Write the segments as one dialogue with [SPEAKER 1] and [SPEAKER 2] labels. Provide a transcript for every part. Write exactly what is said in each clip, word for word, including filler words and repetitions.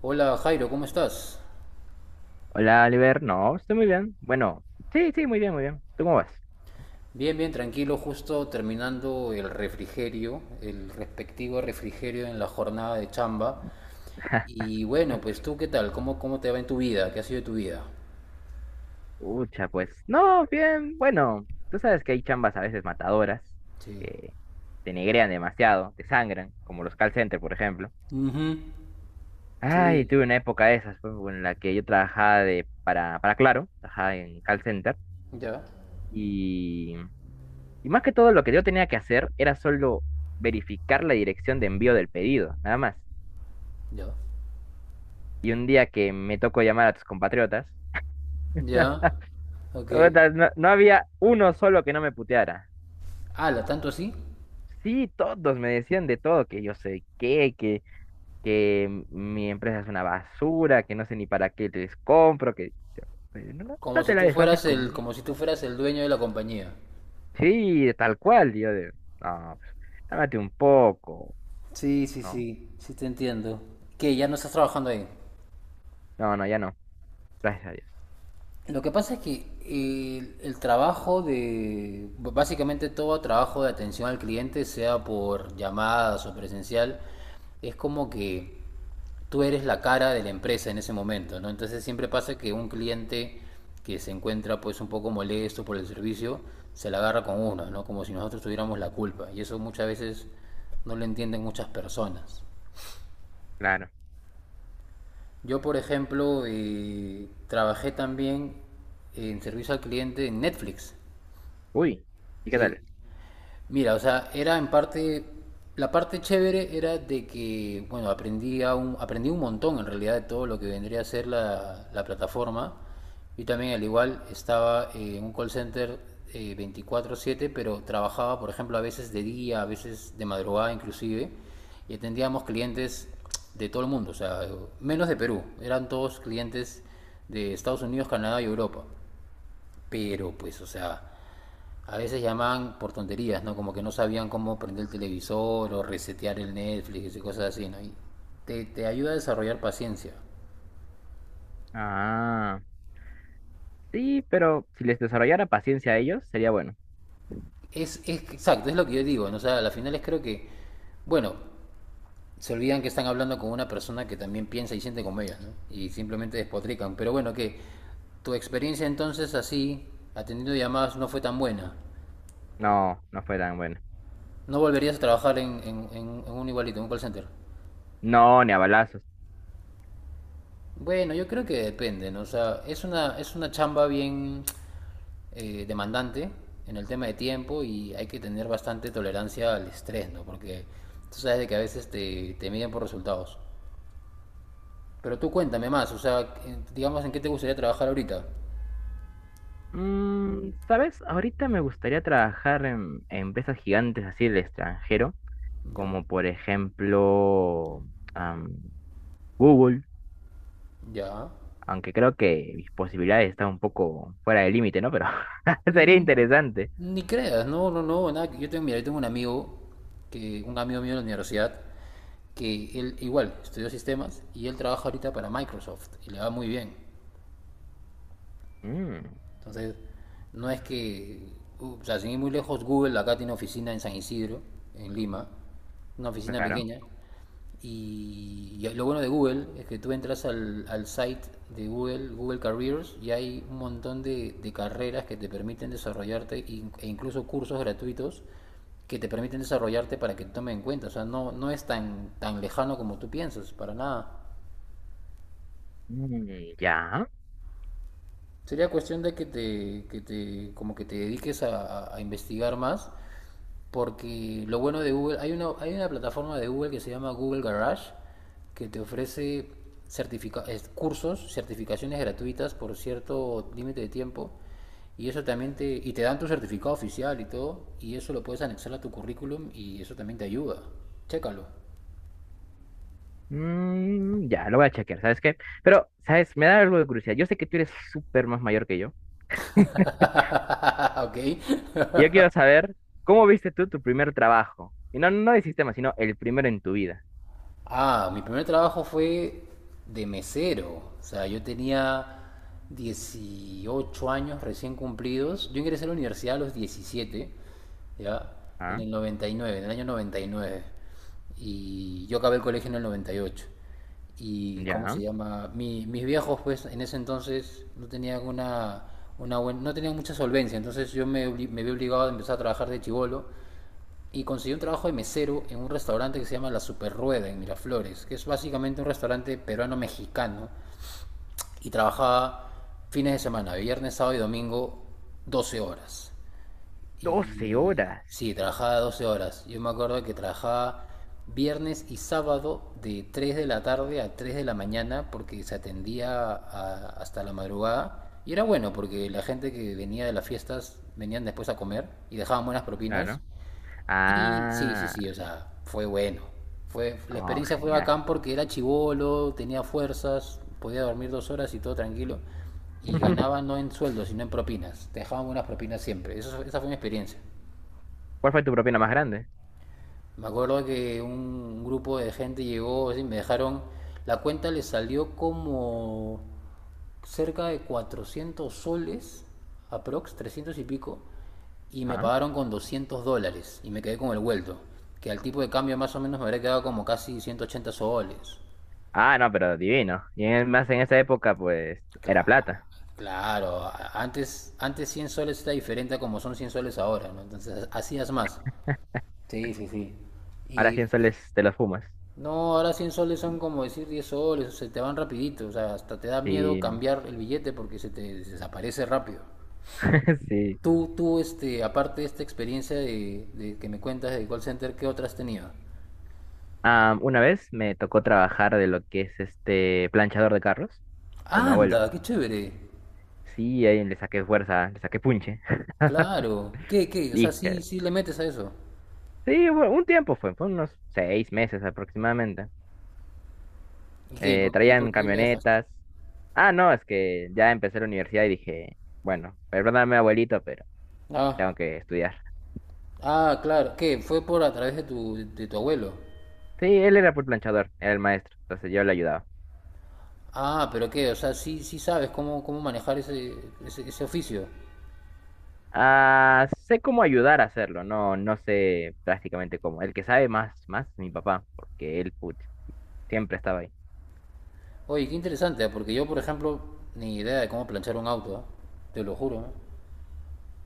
[SPEAKER 1] Hola Jairo, ¿cómo estás?
[SPEAKER 2] Hola, Oliver. No, estoy muy bien. Bueno, sí, sí, muy bien, muy bien. ¿Tú cómo vas?
[SPEAKER 1] Bien, bien, tranquilo, justo terminando el refrigerio, el respectivo refrigerio en la jornada de chamba. Y bueno, pues tú, ¿qué tal? ¿Cómo, cómo te va en tu vida? ¿Qué ha sido de tu vida?
[SPEAKER 2] Ucha, pues. No, bien. Bueno, tú sabes que hay chambas a veces matadoras
[SPEAKER 1] Sí.
[SPEAKER 2] que te negrean demasiado, te sangran, como los call centers, por ejemplo.
[SPEAKER 1] Ujú,
[SPEAKER 2] Ay,
[SPEAKER 1] sí.
[SPEAKER 2] tuve una época de esas, pues, en la que yo trabajaba de, para, para Claro, trabajaba en call center.
[SPEAKER 1] Ya,
[SPEAKER 2] Y, y más que todo, lo que yo tenía que hacer era solo verificar la dirección de envío del pedido, nada más.
[SPEAKER 1] ya,
[SPEAKER 2] Y un día que me tocó llamar a tus compatriotas,
[SPEAKER 1] ya. Ok.
[SPEAKER 2] puta, no, no había uno solo que no me puteara.
[SPEAKER 1] Ala, ¿tanto así?
[SPEAKER 2] Sí, todos me decían de todo, que yo sé qué, que, que mi empresa es una basura, que no sé ni para qué les compro, que yo, pero no, no-
[SPEAKER 1] Como
[SPEAKER 2] no
[SPEAKER 1] si
[SPEAKER 2] te la
[SPEAKER 1] tú
[SPEAKER 2] desfajes
[SPEAKER 1] fueras el,
[SPEAKER 2] conmigo.
[SPEAKER 1] como si tú fueras el dueño de la compañía.
[SPEAKER 2] Sí, tal cual, yo de, no, pues, cálmate un poco,
[SPEAKER 1] Sí, sí,
[SPEAKER 2] ¿no?
[SPEAKER 1] sí, sí te entiendo. ¿Qué? ¿Ya no estás trabajando ahí?
[SPEAKER 2] No, no, ya no, gracias a Dios.
[SPEAKER 1] Lo que pasa es que eh, el trabajo de, básicamente todo trabajo de atención al cliente, sea por llamadas o presencial, es como que tú eres la cara de la empresa en ese momento, ¿no? Entonces siempre pasa que un cliente que se encuentra pues un poco molesto por el servicio, se la agarra con uno, ¿no? Como si nosotros tuviéramos la culpa. Y eso muchas veces no lo entienden muchas personas.
[SPEAKER 2] Claro.
[SPEAKER 1] Yo, por ejemplo, eh, trabajé también en servicio al cliente en Netflix.
[SPEAKER 2] Uy, ¿y qué
[SPEAKER 1] Sí.
[SPEAKER 2] tal?
[SPEAKER 1] Mira, o sea, era en parte, la parte chévere era de que, bueno, aprendí, a un, aprendí un montón en realidad de todo lo que vendría a ser la, la plataforma. Y también al igual estaba eh, en un call center eh, veinticuatro siete, pero trabajaba, por ejemplo, a veces de día, a veces de madrugada inclusive, y atendíamos clientes de todo el mundo, o sea, menos de Perú, eran todos clientes de Estados Unidos, Canadá y Europa. Pero pues, o sea, a veces llamaban por tonterías, ¿no? Como que no sabían cómo prender el televisor o resetear el Netflix y cosas así, ¿no? Y te, te ayuda a desarrollar paciencia.
[SPEAKER 2] Ah, sí, pero si les desarrollara paciencia a ellos, sería bueno.
[SPEAKER 1] Es, es exacto, es lo que yo digo, ¿no? O sea, a las finales creo que, bueno, se olvidan que están hablando con una persona que también piensa y siente como ellas, ¿no? Y simplemente despotrican. Pero bueno, que tu experiencia entonces así, atendiendo llamadas, no fue tan buena.
[SPEAKER 2] No, no fue tan bueno.
[SPEAKER 1] ¿No volverías a trabajar en, en- en- un igualito, en un call center?
[SPEAKER 2] No, ni a balazos.
[SPEAKER 1] Bueno, yo creo que depende, ¿no? O sea, es una, es una chamba bien eh, demandante en el tema de tiempo y hay que tener bastante tolerancia al estrés, ¿no? Porque tú sabes de que a veces te, te miden por resultados. Pero tú cuéntame más, o sea, en- digamos en qué te gustaría trabajar ahorita.
[SPEAKER 2] Mm, ¿sabes? Ahorita me gustaría trabajar en, en empresas gigantes así del extranjero,
[SPEAKER 1] Ya.
[SPEAKER 2] como por ejemplo am, Google,
[SPEAKER 1] Ya.
[SPEAKER 2] aunque creo que mis posibilidades están un poco fuera del límite, ¿no? Pero sería
[SPEAKER 1] Mm,
[SPEAKER 2] interesante.
[SPEAKER 1] Ni creas, no, no, no, nada. que- Yo tengo, mira, yo tengo un amigo, que, un amigo mío de la universidad, que él igual estudió sistemas y él trabaja ahorita para Microsoft y le va muy bien.
[SPEAKER 2] Mm,
[SPEAKER 1] Entonces, no es que, uh, o sea, sin ir muy lejos, Google acá tiene oficina en San Isidro, en Lima, una oficina
[SPEAKER 2] claro.
[SPEAKER 1] pequeña. Y, y lo bueno de Google es que tú entras al, al site de Google, Google Careers, y hay un montón de, de carreras que te permiten desarrollarte e in- e incluso cursos gratuitos que te permiten desarrollarte para que te tomen en cuenta. O sea, no, no es tan, tan lejano como tú piensas, para nada.
[SPEAKER 2] Mm, ya.
[SPEAKER 1] Sería cuestión de que te, que te, como que te dediques a, a investigar más, porque lo bueno de Google, hay una, hay una plataforma de Google que se llama Google Garage, que te ofrece certifica- es- cursos, certificaciones gratuitas por cierto límite de tiempo, y eso también te, y te dan tu certificado oficial y todo, y eso lo puedes anexar a tu currículum y eso también te ayuda. Chécalo.
[SPEAKER 2] Mm, ya, lo voy a chequear, ¿sabes qué? Pero, ¿sabes? Me da algo de curiosidad. Yo sé que tú eres súper más mayor que yo.
[SPEAKER 1] Ok.
[SPEAKER 2] Y yo quiero saber, ¿cómo viste tú tu primer trabajo? Y no, no de sistema, sino el primero en tu vida.
[SPEAKER 1] Ah, mi primer trabajo fue de mesero. O sea, yo tenía dieciocho años recién cumplidos. Yo ingresé a la universidad a los diecisiete, ¿ya? En
[SPEAKER 2] ¿Ah?
[SPEAKER 1] el noventa y nueve, en el año noventa y nueve, y yo acabé el colegio en el noventa y ocho. Y ¿cómo se
[SPEAKER 2] Ya,
[SPEAKER 1] llama? Mi- mis viejos, pues, en ese entonces no tenían una, una buen- no tenían mucha solvencia. Entonces yo me, obli- me vi obligado a empezar a trabajar de chivolo y conseguí un trabajo de mesero en un restaurante que se llama La Super Rueda en Miraflores, que es básicamente un restaurante peruano-mexicano y trabajaba fines de semana, viernes, sábado y domingo, doce horas.
[SPEAKER 2] doce
[SPEAKER 1] Y
[SPEAKER 2] horas.
[SPEAKER 1] sí, trabajaba doce horas. Yo me acuerdo que trabajaba viernes y sábado de tres de la tarde a tres de la mañana porque se atendía a- hasta la madrugada. Y era bueno porque la gente que venía de las fiestas venían después a comer y dejaban buenas propinas.
[SPEAKER 2] Claro.
[SPEAKER 1] Y sí, sí,
[SPEAKER 2] Ah,
[SPEAKER 1] sí, o sea, fue bueno. Fue, la
[SPEAKER 2] oh,
[SPEAKER 1] experiencia fue
[SPEAKER 2] genial.
[SPEAKER 1] bacán porque era chivolo, tenía fuerzas, podía dormir dos horas y todo tranquilo. Y ganaba no en sueldo, sino en propinas. Te dejaban buenas propinas siempre. Eso, esa fue mi experiencia.
[SPEAKER 2] ¿Cuál fue tu propina más grande?
[SPEAKER 1] Me acuerdo que un grupo de gente llegó, así, me dejaron, la cuenta les salió como cerca de cuatrocientos soles, aprox, trescientos y pico, y me
[SPEAKER 2] Ah.
[SPEAKER 1] pagaron con doscientos dólares y me quedé con el vuelto, que al tipo de cambio más o menos me habría quedado como casi ciento ochenta soles.
[SPEAKER 2] Ah, no, pero divino. Y en- más en esa época, pues, era
[SPEAKER 1] Claro,
[SPEAKER 2] plata.
[SPEAKER 1] claro, a- antes, antes cien soles está diferente a como son cien soles ahora, ¿no? Entonces hacías más. Sí, sí, sí.
[SPEAKER 2] Ahora cien soles te los fumas.
[SPEAKER 1] No, ahora cien soles son como decir diez soles, o se te van rapidito, o sea, hasta te da miedo
[SPEAKER 2] Sí,
[SPEAKER 1] cambiar el billete porque se te desaparece rápido.
[SPEAKER 2] sí.
[SPEAKER 1] Tú, tú, este, aparte de esta experiencia de, de que me cuentas de call center, ¿qué otras has tenido?
[SPEAKER 2] Ah, una vez me tocó trabajar de lo que es este planchador de carros con mi abuelo.
[SPEAKER 1] Anda, qué chévere.
[SPEAKER 2] Sí, ahí le saqué fuerza, le saqué punche.
[SPEAKER 1] Claro. ¿Qué, qué? O sea,
[SPEAKER 2] Dije,
[SPEAKER 1] sí, sí le metes a eso.
[SPEAKER 2] sí, fue- un tiempo fue, fue unos seis meses aproximadamente.
[SPEAKER 1] ¿Y qué? ¿Y
[SPEAKER 2] Eh,
[SPEAKER 1] por, y por
[SPEAKER 2] traían
[SPEAKER 1] qué lo dejaste?
[SPEAKER 2] camionetas. Ah, no, es que ya empecé la universidad y dije, bueno, perdóname abuelito, pero tengo
[SPEAKER 1] Ah,
[SPEAKER 2] que estudiar.
[SPEAKER 1] ah, claro. ¿Qué? Fue por a través de tu, de tu abuelo.
[SPEAKER 2] Sí, él era full planchador, era el maestro, entonces yo le ayudaba.
[SPEAKER 1] Ah, pero qué, o sea, sí, sí sabes cómo, cómo manejar ese, ese, ese oficio.
[SPEAKER 2] Ah, sé cómo ayudar a hacerlo, no, no sé prácticamente cómo. El que sabe más, más, mi papá, porque él, put, siempre estaba ahí.
[SPEAKER 1] Oye, qué interesante, ¿eh? Porque yo, por ejemplo, ni idea de cómo planchar un auto, ¿eh? Te lo juro. ¿Eh?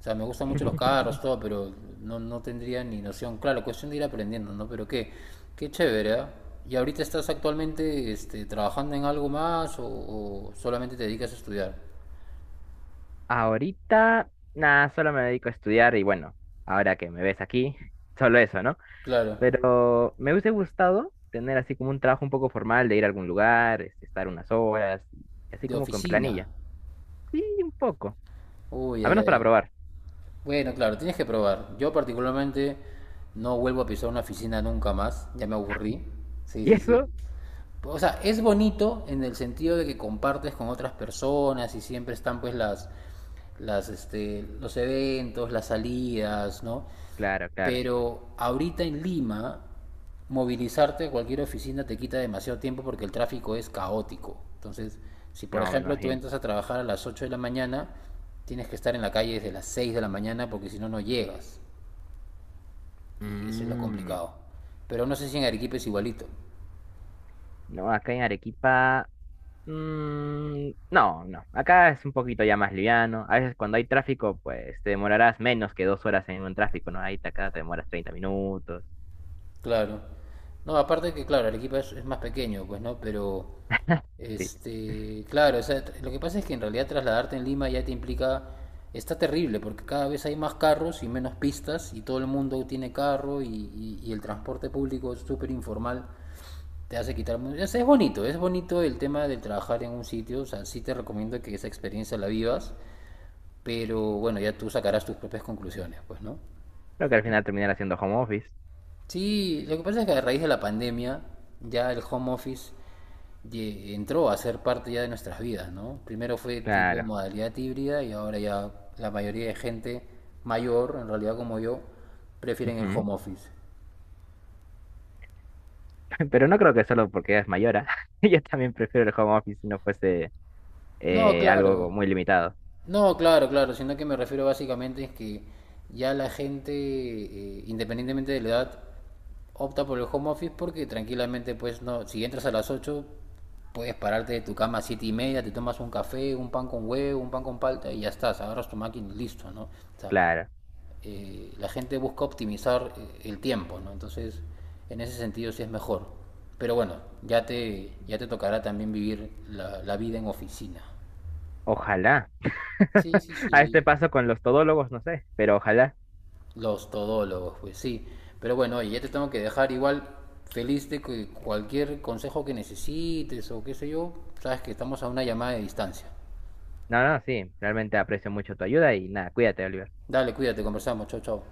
[SPEAKER 1] O sea, me gustan mucho los carros, todo, pero no, no tendría ni noción. Claro, cuestión de ir aprendiendo, ¿no? Pero qué, qué, chévere, ¿ah? ¿Y ahorita estás actualmente este, trabajando en algo más o, o solamente te dedicas a estudiar?
[SPEAKER 2] Ahorita, nada, solo me dedico a estudiar y bueno, ahora que me ves aquí, solo eso, ¿no?
[SPEAKER 1] Claro,
[SPEAKER 2] Pero me hubiese gustado tener así como un trabajo un poco formal de ir a algún lugar, este, estar unas horas, y así
[SPEAKER 1] de
[SPEAKER 2] como con
[SPEAKER 1] oficina.
[SPEAKER 2] planilla. Sí, un poco.
[SPEAKER 1] Uy,
[SPEAKER 2] Al
[SPEAKER 1] ay,
[SPEAKER 2] menos para
[SPEAKER 1] ay.
[SPEAKER 2] probar.
[SPEAKER 1] Bueno, claro, tienes que probar. Yo particularmente no vuelvo a pisar una oficina nunca más, ya me aburrí. Sí,
[SPEAKER 2] ¿Y
[SPEAKER 1] sí, sí.
[SPEAKER 2] eso?
[SPEAKER 1] O sea, es bonito en el sentido de que compartes con otras personas y siempre están pues las, las, este, los eventos, las salidas, ¿no?
[SPEAKER 2] Claro, claro.
[SPEAKER 1] Pero ahorita en Lima, movilizarte a cualquier oficina te quita demasiado tiempo porque el tráfico es caótico. Entonces, si por
[SPEAKER 2] No, me
[SPEAKER 1] ejemplo tú
[SPEAKER 2] imagino.
[SPEAKER 1] entras a trabajar a las ocho de la mañana, tienes que estar en la calle desde las seis de la mañana porque si no, no llegas. Y eso es lo
[SPEAKER 2] Mm,
[SPEAKER 1] complicado. Pero no sé si en Arequipa es igualito.
[SPEAKER 2] no, acá en Arequipa. Mm, no, no. Acá es un poquito ya más liviano. A veces cuando hay tráfico, pues te demorarás menos que dos horas en un tráfico, ¿no? Ahí te- acá te demoras treinta minutos.
[SPEAKER 1] Claro. No, aparte que, claro, Arequipa es, es más pequeño, pues, ¿no? Pero,
[SPEAKER 2] Sí.
[SPEAKER 1] este, claro, o sea, tr- lo que pasa es que en realidad trasladarte en Lima ya te implica, está terrible, porque cada vez hay más carros y menos pistas, y todo el mundo tiene carro, y, y- y el transporte público es súper informal, te hace quitar... mu- o es bonito, es bonito el tema del trabajar en un sitio, o sea, sí te recomiendo que esa experiencia la vivas, pero bueno, ya tú sacarás tus propias conclusiones, pues, ¿no?
[SPEAKER 2] Creo que al final terminarás haciendo home office.
[SPEAKER 1] Sí, lo que pasa es que a raíz de la pandemia ya el home office ye- entró a ser parte ya de nuestras vidas, ¿no? Primero fue tipo
[SPEAKER 2] Claro.
[SPEAKER 1] modalidad híbrida y ahora ya la mayoría de gente mayor, en realidad como yo, prefieren el
[SPEAKER 2] Ujú.
[SPEAKER 1] home office.
[SPEAKER 2] Pero no creo que solo porque ella es mayora. Yo también prefiero el home office si no fuese
[SPEAKER 1] No,
[SPEAKER 2] eh,
[SPEAKER 1] claro.
[SPEAKER 2] algo muy limitado.
[SPEAKER 1] No, claro, claro, sino que me refiero básicamente es que ya la gente, eh, independientemente de la edad, opta por el home office porque tranquilamente, pues no, si entras a las ocho puedes pararte de tu cama a siete y media, te tomas un café, un pan con huevo, un pan con palta y ya estás, agarras tu máquina y listo, ¿no? O sea,
[SPEAKER 2] Claro.
[SPEAKER 1] eh, la gente busca optimizar eh, el tiempo, ¿no? Entonces, en ese sentido sí es mejor. Pero bueno, ya te, ya te tocará también vivir la, la vida en oficina.
[SPEAKER 2] Ojalá.
[SPEAKER 1] Sí, sí,
[SPEAKER 2] A este
[SPEAKER 1] sí.
[SPEAKER 2] paso con los todólogos, no sé, pero ojalá.
[SPEAKER 1] Los todólogos, pues sí. Pero bueno, ya te tengo que dejar igual feliz de que cualquier consejo que necesites o qué sé yo, sabes que estamos a una llamada de distancia.
[SPEAKER 2] No, no, sí. Realmente aprecio mucho tu ayuda y nada, cuídate, Oliver.
[SPEAKER 1] Dale, cuídate, conversamos, chao, chao.